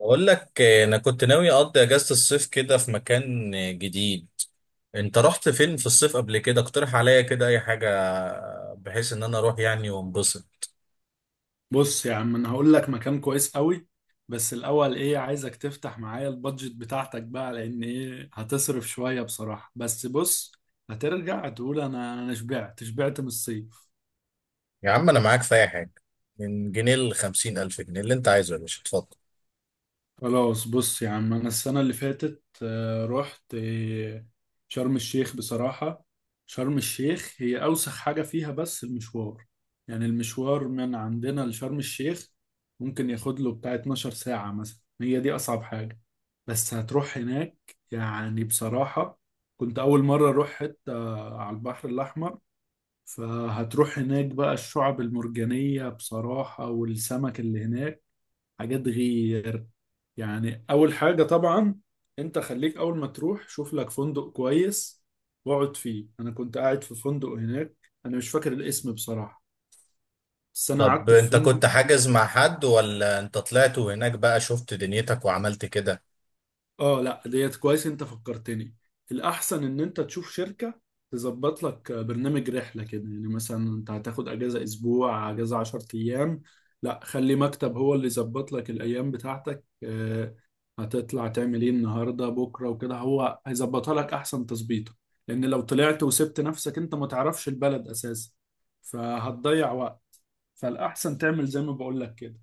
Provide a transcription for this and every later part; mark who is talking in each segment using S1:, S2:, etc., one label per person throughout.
S1: بقول لك انا كنت ناوي اقضي اجازة الصيف كده في مكان جديد. انت رحت فين في الصيف قبل كده؟ اقترح عليا كده اي حاجة بحيث ان انا اروح يعني وانبسط.
S2: بص يا عم انا هقول لك مكان كويس قوي. بس الاول ايه عايزك تفتح معايا البادجت بتاعتك بقى، لان ايه هتصرف شوية بصراحة. بس بص، هترجع تقول انا شبعت من الصيف.
S1: يا عم انا معاك في اي حاجة، من جنيه لخمسين الف جنيه اللي انت عايزه يا باشا اتفضل.
S2: خلاص، بص يا عم، انا السنه اللي فاتت رحت شرم الشيخ بصراحه. شرم الشيخ هي اوسخ حاجه فيها بس المشوار، يعني المشوار من عندنا لشرم الشيخ ممكن ياخد له بتاع 12 ساعه مثلا، هي دي اصعب حاجه. بس هتروح هناك، يعني بصراحه كنت اول مره اروح حته على البحر الاحمر. فهتروح هناك بقى، الشعب المرجانيه بصراحه والسمك اللي هناك حاجات غير. يعني اول حاجة طبعا انت خليك اول ما تروح شوف لك فندق كويس واقعد فيه. انا كنت قاعد في فندق هناك، انا مش فاكر الاسم بصراحة، بس انا
S1: طب
S2: قعدت في
S1: انت
S2: فندق.
S1: كنت حاجز مع حد، ولا انت طلعت وهناك بقى شفت دنيتك وعملت كده؟
S2: اه لا ديت كويس، انت فكرتني. الاحسن ان انت تشوف شركة تظبط لك برنامج رحلة كده، يعني مثلا انت هتاخد اجازة اسبوع، اجازة 10 ايام. لا، خلي مكتب هو اللي يظبط لك الايام بتاعتك. هتطلع تعمل ايه النهاردة بكرة وكده، هو هيظبطها لك احسن تظبيطه. لان لو طلعت وسبت نفسك، انت ما تعرفش البلد اساسا، فهتضيع وقت. فالاحسن تعمل زي ما بقول لك كده.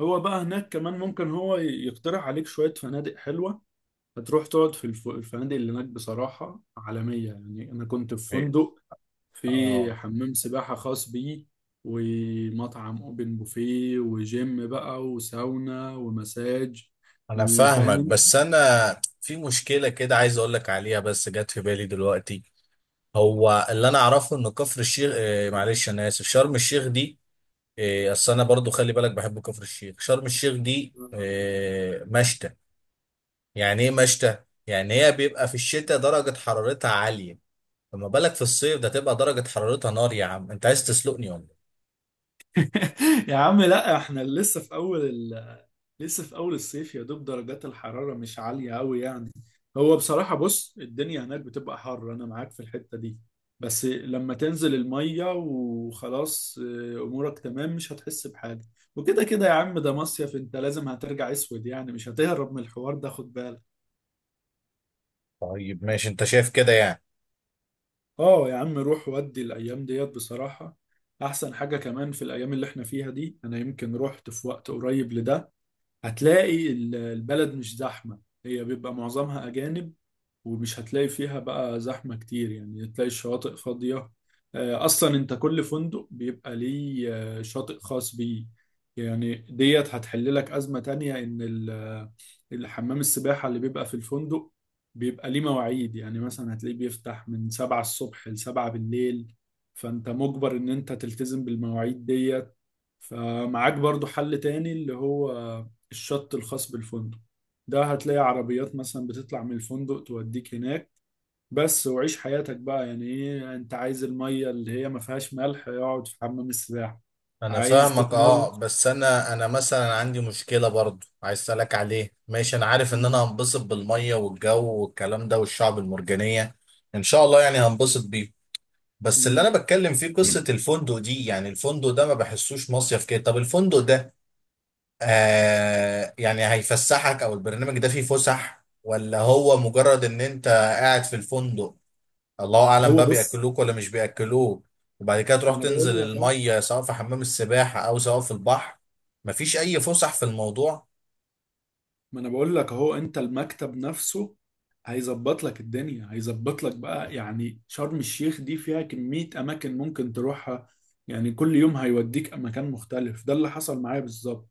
S2: هو بقى هناك كمان ممكن هو يقترح عليك شوية فنادق حلوة. هتروح تقعد في الفنادق اللي هناك بصراحة عالمية، يعني أنا كنت في
S1: إيه.
S2: فندق في
S1: اه،
S2: حمام سباحة خاص بيه ومطعم أوبن بوفيه وجيم بقى وساونا ومساج.
S1: انا فاهمك،
S2: وفاهم.
S1: بس انا في مشكلة كده عايز اقول لك عليها بس جت في بالي دلوقتي. هو اللي انا اعرفه ان كفر الشيخ، معلش انا اسف، شرم الشيخ دي. اصل انا برضو خلي بالك بحب كفر الشيخ. شرم الشيخ دي مشتى. يعني ايه مشتى؟ يعني هي بيبقى في الشتاء درجة حرارتها عالية، فما بالك في الصيف، ده تبقى درجة حرارتها نار. يا عم انت عايز تسلقني ولا إيه؟
S2: يا عم لا، احنا لسه في اول. لسه في اول الصيف، يا دوب درجات الحرارة مش عالية قوي يعني. هو بصراحة بص، الدنيا هناك بتبقى حر، انا معاك في الحتة دي، بس لما تنزل المية وخلاص، امورك تمام، مش هتحس بحاجة. وكده كده يا عم ده مصيف، انت لازم هترجع اسود يعني، مش هتهرب من الحوار ده، خد بالك.
S1: طيب ماشي، انت شايف كده يعني.
S2: اه يا عم روح، ودي الايام ديت بصراحة احسن حاجة، كمان في الايام اللي احنا فيها دي، انا يمكن رحت في وقت قريب لده. هتلاقي البلد مش زحمة، هي بيبقى معظمها أجانب، ومش هتلاقي فيها بقى زحمة كتير، يعني هتلاقي الشواطئ فاضية. أصلا أنت كل فندق بيبقى ليه شاطئ خاص بيه. يعني ديت هتحل لك أزمة تانية، إن الحمام السباحة اللي بيبقى في الفندق بيبقى ليه مواعيد، يعني مثلا هتلاقيه بيفتح من سبعة الصبح لسبعة بالليل، فأنت مجبر إن أنت تلتزم بالمواعيد ديت. فمعاك برضو حل تاني اللي هو الشط الخاص بالفندق ده، هتلاقي عربيات مثلا بتطلع من الفندق توديك هناك. بس وعيش حياتك بقى، يعني ايه، انت عايز المية اللي هي ما فيهاش ملح اقعد في حمام السباحة.
S1: انا
S2: عايز
S1: فاهمك
S2: تتمل.
S1: اه، بس انا مثلا عندي مشكله برضو عايز اسالك عليه. ماشي انا عارف ان انا
S2: مم.
S1: هنبسط بالميه والجو والكلام ده والشعب المرجانيه، ان شاء الله يعني هنبسط بيه. بس اللي
S2: مم.
S1: انا بتكلم فيه قصه الفندق دي، يعني الفندق ده ما بحسوش مصيف كده. طب الفندق ده يعني هيفسحك، او البرنامج ده فيه فسح، ولا هو مجرد ان انت قاعد في الفندق؟ الله اعلم
S2: هو
S1: بقى
S2: بص،
S1: بياكلوك ولا مش بياكلوك، وبعد كده
S2: ما
S1: تروح
S2: انا
S1: تنزل
S2: بقول لك
S1: الميه سواء في حمام السباحه او سواء في البحر. مفيش اي فسح في الموضوع.
S2: ما انا بقول لك اهو، انت المكتب نفسه هيظبط لك الدنيا، هيظبط لك بقى. يعني شرم الشيخ دي فيها كمية اماكن ممكن تروحها، يعني كل يوم هيوديك مكان مختلف، ده اللي حصل معايا بالظبط.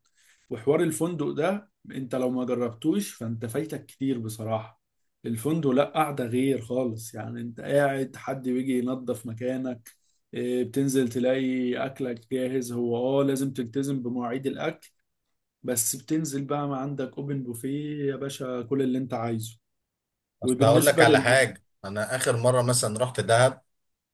S2: وحوار الفندق ده انت لو ما جربتوش فانت فايتك كتير بصراحة. الفندق لا قاعدة غير خالص، يعني انت قاعد حد بيجي ينظف مكانك، إيه، بتنزل تلاقي اكلك جاهز. هو اه لازم تلتزم بمواعيد الاكل، بس بتنزل بقى ما عندك اوبن بوفيه يا باشا، كل اللي انت عايزه.
S1: اصل هقول لك
S2: وبالنسبه
S1: على
S2: لل،
S1: حاجه، انا اخر مره مثلا رحت دهب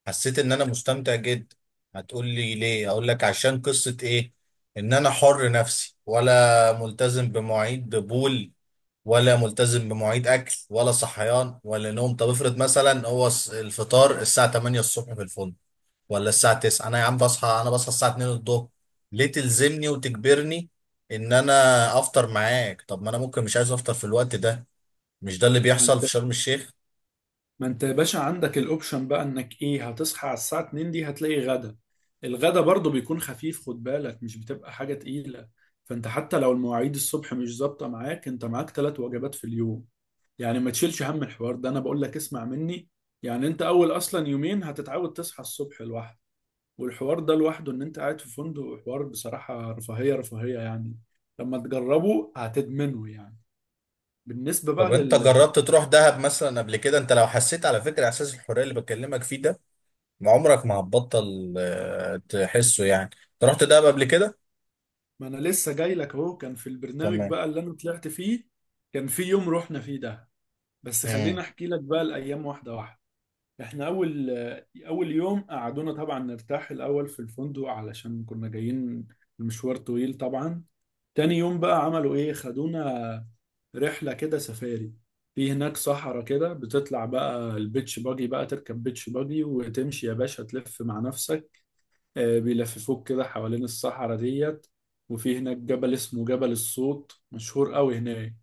S1: حسيت ان انا مستمتع جدا. هتقول لي ليه؟ اقول لك عشان قصه ايه؟ ان انا حر نفسي، ولا ملتزم بمواعيد بول، ولا ملتزم بمواعيد اكل، ولا صحيان، ولا نوم. طب افرض مثلا هو الفطار الساعه 8 الصبح في الفندق، ولا الساعة 9. انا يا عم بصحى، انا بصحى الساعة 2 الظهر. ليه تلزمني وتجبرني ان انا افطر معاك؟ طب ما انا ممكن مش عايز افطر في الوقت ده. مش ده اللي
S2: ما
S1: بيحصل في
S2: انت،
S1: شرم الشيخ.
S2: ما انت يا باشا عندك الاوبشن بقى انك ايه، هتصحى على الساعه 2 دي هتلاقي غدا. الغدا برضو بيكون خفيف، خد بالك مش بتبقى حاجه تقيله. فانت حتى لو المواعيد الصبح مش ظابطه معاك، انت معاك ثلاث وجبات في اليوم، يعني ما تشيلش هم الحوار ده، انا بقول لك اسمع مني. يعني انت اول اصلا يومين هتتعود تصحى الصبح لوحدك، والحوار ده لوحده، ان انت قاعد في فندق، حوار بصراحة رفاهية رفاهية يعني، لما تجربه هتدمنه يعني. بالنسبة بقى
S1: طب انت
S2: لل،
S1: جربت تروح دهب مثلا قبل كده؟ انت لو حسيت، على فكرة، احساس الحرية اللي بكلمك فيه ده، ما عمرك ما هتبطل تحسه. يعني انت رحت دهب قبل كده؟
S2: ما انا لسه جاي لك اهو. كان في البرنامج
S1: تمام.
S2: بقى اللي انا طلعت فيه كان في يوم رحنا فيه ده، بس
S1: امم.
S2: خليني احكي لك بقى الايام واحدة واحدة. احنا اول يوم قعدونا طبعا نرتاح الاول في الفندق علشان كنا جايين، المشوار طويل طبعا. تاني يوم بقى عملوا ايه، خدونا رحلة كده سفاري، في هناك صحراء كده بتطلع بقى البيتش باجي، بقى تركب بيتش باجي وتمشي يا باشا تلف مع نفسك، بيلففوك كده حوالين الصحراء ديت. وفي هناك جبل اسمه جبل الصوت، مشهور قوي هناك،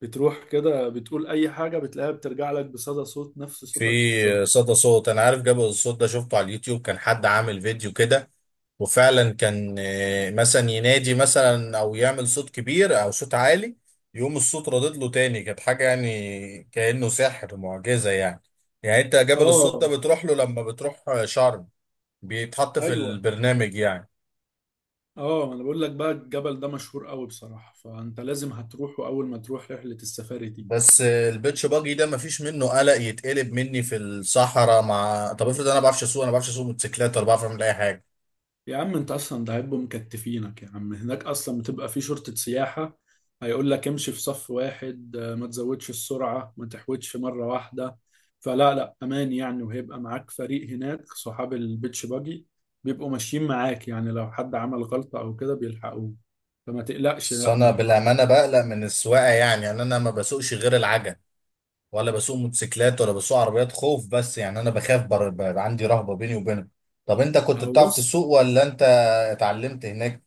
S2: بتروح كده بتقول أي حاجة بتلاقيها بترجع لك بصدى صوت، نفس صوتك
S1: في
S2: بالظبط.
S1: صدى صوت. انا عارف جبل الصوت ده، شفته على اليوتيوب، كان حد عامل فيديو كده، وفعلا كان مثلا ينادي مثلا او يعمل صوت كبير او صوت عالي، يقوم الصوت ردد له تاني. كانت حاجه يعني كانه سحر، معجزه يعني. يعني انت جبل الصوت
S2: اه.
S1: ده بتروح له لما بتروح شرم؟ بيتحط في
S2: ايوه،
S1: البرنامج يعني؟
S2: اه ما انا بقول لك بقى الجبل ده مشهور قوي بصراحة، فانت لازم هتروحه اول ما تروح رحلة السفاري دي.
S1: بس البيتش باجي ده مفيش منه قلق يتقلب مني في الصحراء مع. طب افرض انا ما بعرفش اسوق، موتوسيكلات، ولا بعرف اعمل اي حاجه.
S2: يا عم انت اصلا ده هيبقوا مكتفينك، يا عم هناك اصلا بتبقى في شرطة سياحة، هيقول لك امشي في صف واحد، ما تزودش السرعة، ما تحودش مرة واحدة. فلا لا امان يعني، وهيبقى معاك فريق هناك صحاب البيتش باجي بيبقوا ماشيين معاك، يعني لو حد عمل غلطة او كده بيلحقوه، فما تقلقش
S1: بس
S2: لا من
S1: انا
S2: الحوار ده.
S1: بالامانه بقلق من السواقه، يعني انا ما بسوقش غير العجل، ولا بسوق موتوسيكلات، ولا بسوق عربيات. خوف بس، يعني انا بخاف، عندي رهبة بيني وبينهم. طب انت كنت
S2: اهو
S1: بتعرف
S2: بص،
S1: تسوق ولا انت اتعلمت هناك؟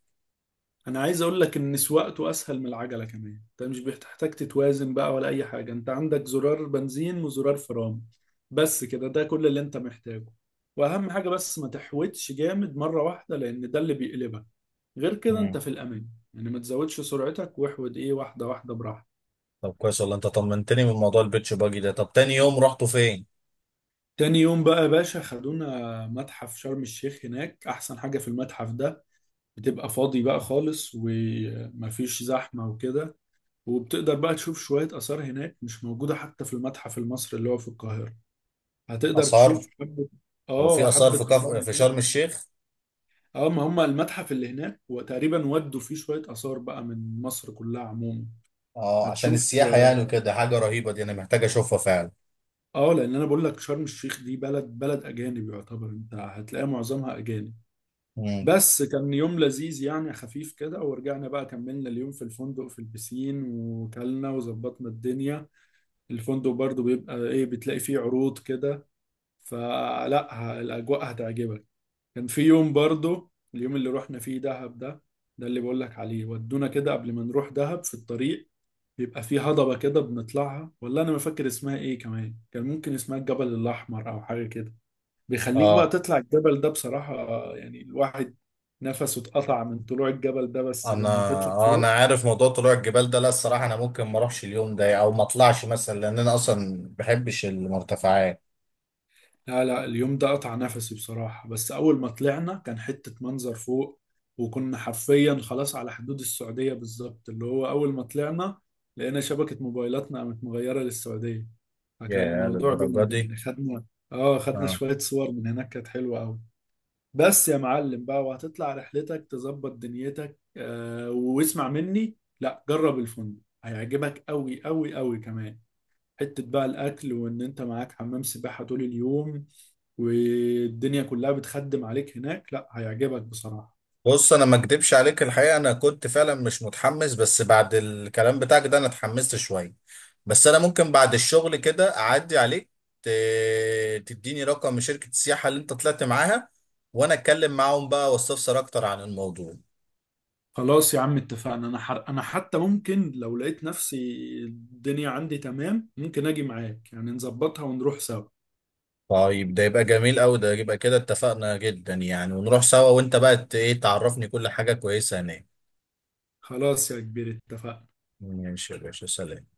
S2: انا عايز اقول لك ان سواقته اسهل من العجله كمان، انت مش بتحتاج تتوازن بقى ولا اي حاجه، انت عندك زرار بنزين وزرار فرامل، بس كده، ده كل اللي انت محتاجه. واهم حاجه بس ما تحوتش جامد مره واحده، لان ده اللي بيقلبك، غير كده
S1: مم.
S2: انت في الامان. يعني ما تزودش سرعتك، واحود ايه، واحده واحده براحتك.
S1: طب كويس والله، انت طمنتني من موضوع البيتش باجي ده. طب تاني يوم رحتوا فين؟
S2: تاني يوم بقى يا باشا خدونا متحف شرم الشيخ. هناك احسن حاجه في المتحف ده، بتبقى فاضي بقى خالص ومفيش زحمه وكده، وبتقدر بقى تشوف شوية آثار هناك مش موجودة حتى في المتحف المصري اللي هو في القاهرة. هتقدر
S1: اثار؟
S2: تشوف حبة.
S1: هو
S2: اه
S1: في اثار
S2: حبة
S1: في
S2: آثار
S1: في
S2: هناك.
S1: شرم الشيخ؟
S2: اه، ما هم المتحف اللي هناك وتقريبا ودوا فيه شوية آثار بقى من مصر كلها عموما.
S1: اه، عشان
S2: هتشوف،
S1: السياحة يعني وكده. حاجة رهيبة دي، انا محتاج اشوفها فعلا.
S2: اه لأن أنا بقول لك شرم الشيخ دي بلد، بلد أجانب يعتبر، أنت هتلاقي معظمها أجانب.
S1: مم.
S2: بس كان يوم لذيذ يعني، خفيف كده، ورجعنا بقى كملنا اليوم في الفندق، في البسين وكلنا وظبطنا الدنيا. الفندق برضو بيبقى ايه، بتلاقي فيه عروض كده، فلا الأجواء هتعجبك. كان في يوم برضو اليوم اللي رحنا فيه دهب ده، ده اللي بقول لك عليه. ودونا كده قبل ما نروح دهب في الطريق، بيبقى في هضبة كده بنطلعها، والله أنا ما فاكر اسمها إيه كمان، كان ممكن اسمها الجبل الأحمر أو حاجة كده. بيخليك بقى
S1: اه.
S2: تطلع الجبل ده بصراحة، يعني الواحد نفسه اتقطع من طلوع الجبل ده، بس
S1: انا
S2: لما تطلع
S1: انا
S2: فوق.
S1: عارف موضوع طلوع الجبال ده. لا الصراحة انا ممكن ما اروحش اليوم ده، او ما اطلعش مثلا، لان انا اصلا ما بحبش المرتفعات.
S2: لا لا، اليوم ده قطع نفسي بصراحة، بس أول ما طلعنا كان حتة منظر فوق، وكنا حرفيا خلاص على حدود السعودية بالظبط، اللي هو أول ما طلعنا لقينا شبكة موبايلاتنا قامت مغيرة للسعودية، فكان
S1: يا
S2: الموضوع
S1: للدرجة
S2: جامد
S1: دي.
S2: يعني. خدنا، اه خدنا
S1: آه.
S2: شوية صور من هناك كانت حلوة أوي. بس يا معلم بقى، وهتطلع رحلتك تظبط دنيتك، آه واسمع مني، لا جرب الفندق هيعجبك أوي أوي أوي، كمان حتة بقى الأكل، وإن أنت معاك حمام سباحة طول اليوم والدنيا كلها بتخدم عليك هناك، لا هيعجبك بصراحة.
S1: بص انا ما اكدبش عليك الحقيقه، انا كنت فعلا مش متحمس، بس بعد الكلام بتاعك ده انا اتحمست شويه. بس انا ممكن بعد الشغل كده اعدي عليك، تديني رقم شركه السياحه اللي انت طلعت معاها، وانا اتكلم معاهم بقى واستفسر اكتر عن الموضوع.
S2: خلاص يا عم اتفقنا، انا انا حتى ممكن لو لقيت نفسي الدنيا عندي تمام ممكن اجي معاك، يعني نظبطها ونروح سوا.
S1: طيب ده يبقى جميل قوي، ده يبقى كده اتفقنا جدا يعني، ونروح سوا، وانت بقى ايه تعرفني كل حاجه كويسه هناك.
S2: خلاص يا كبير اتفقنا.
S1: ماشي يا باشا، سلام.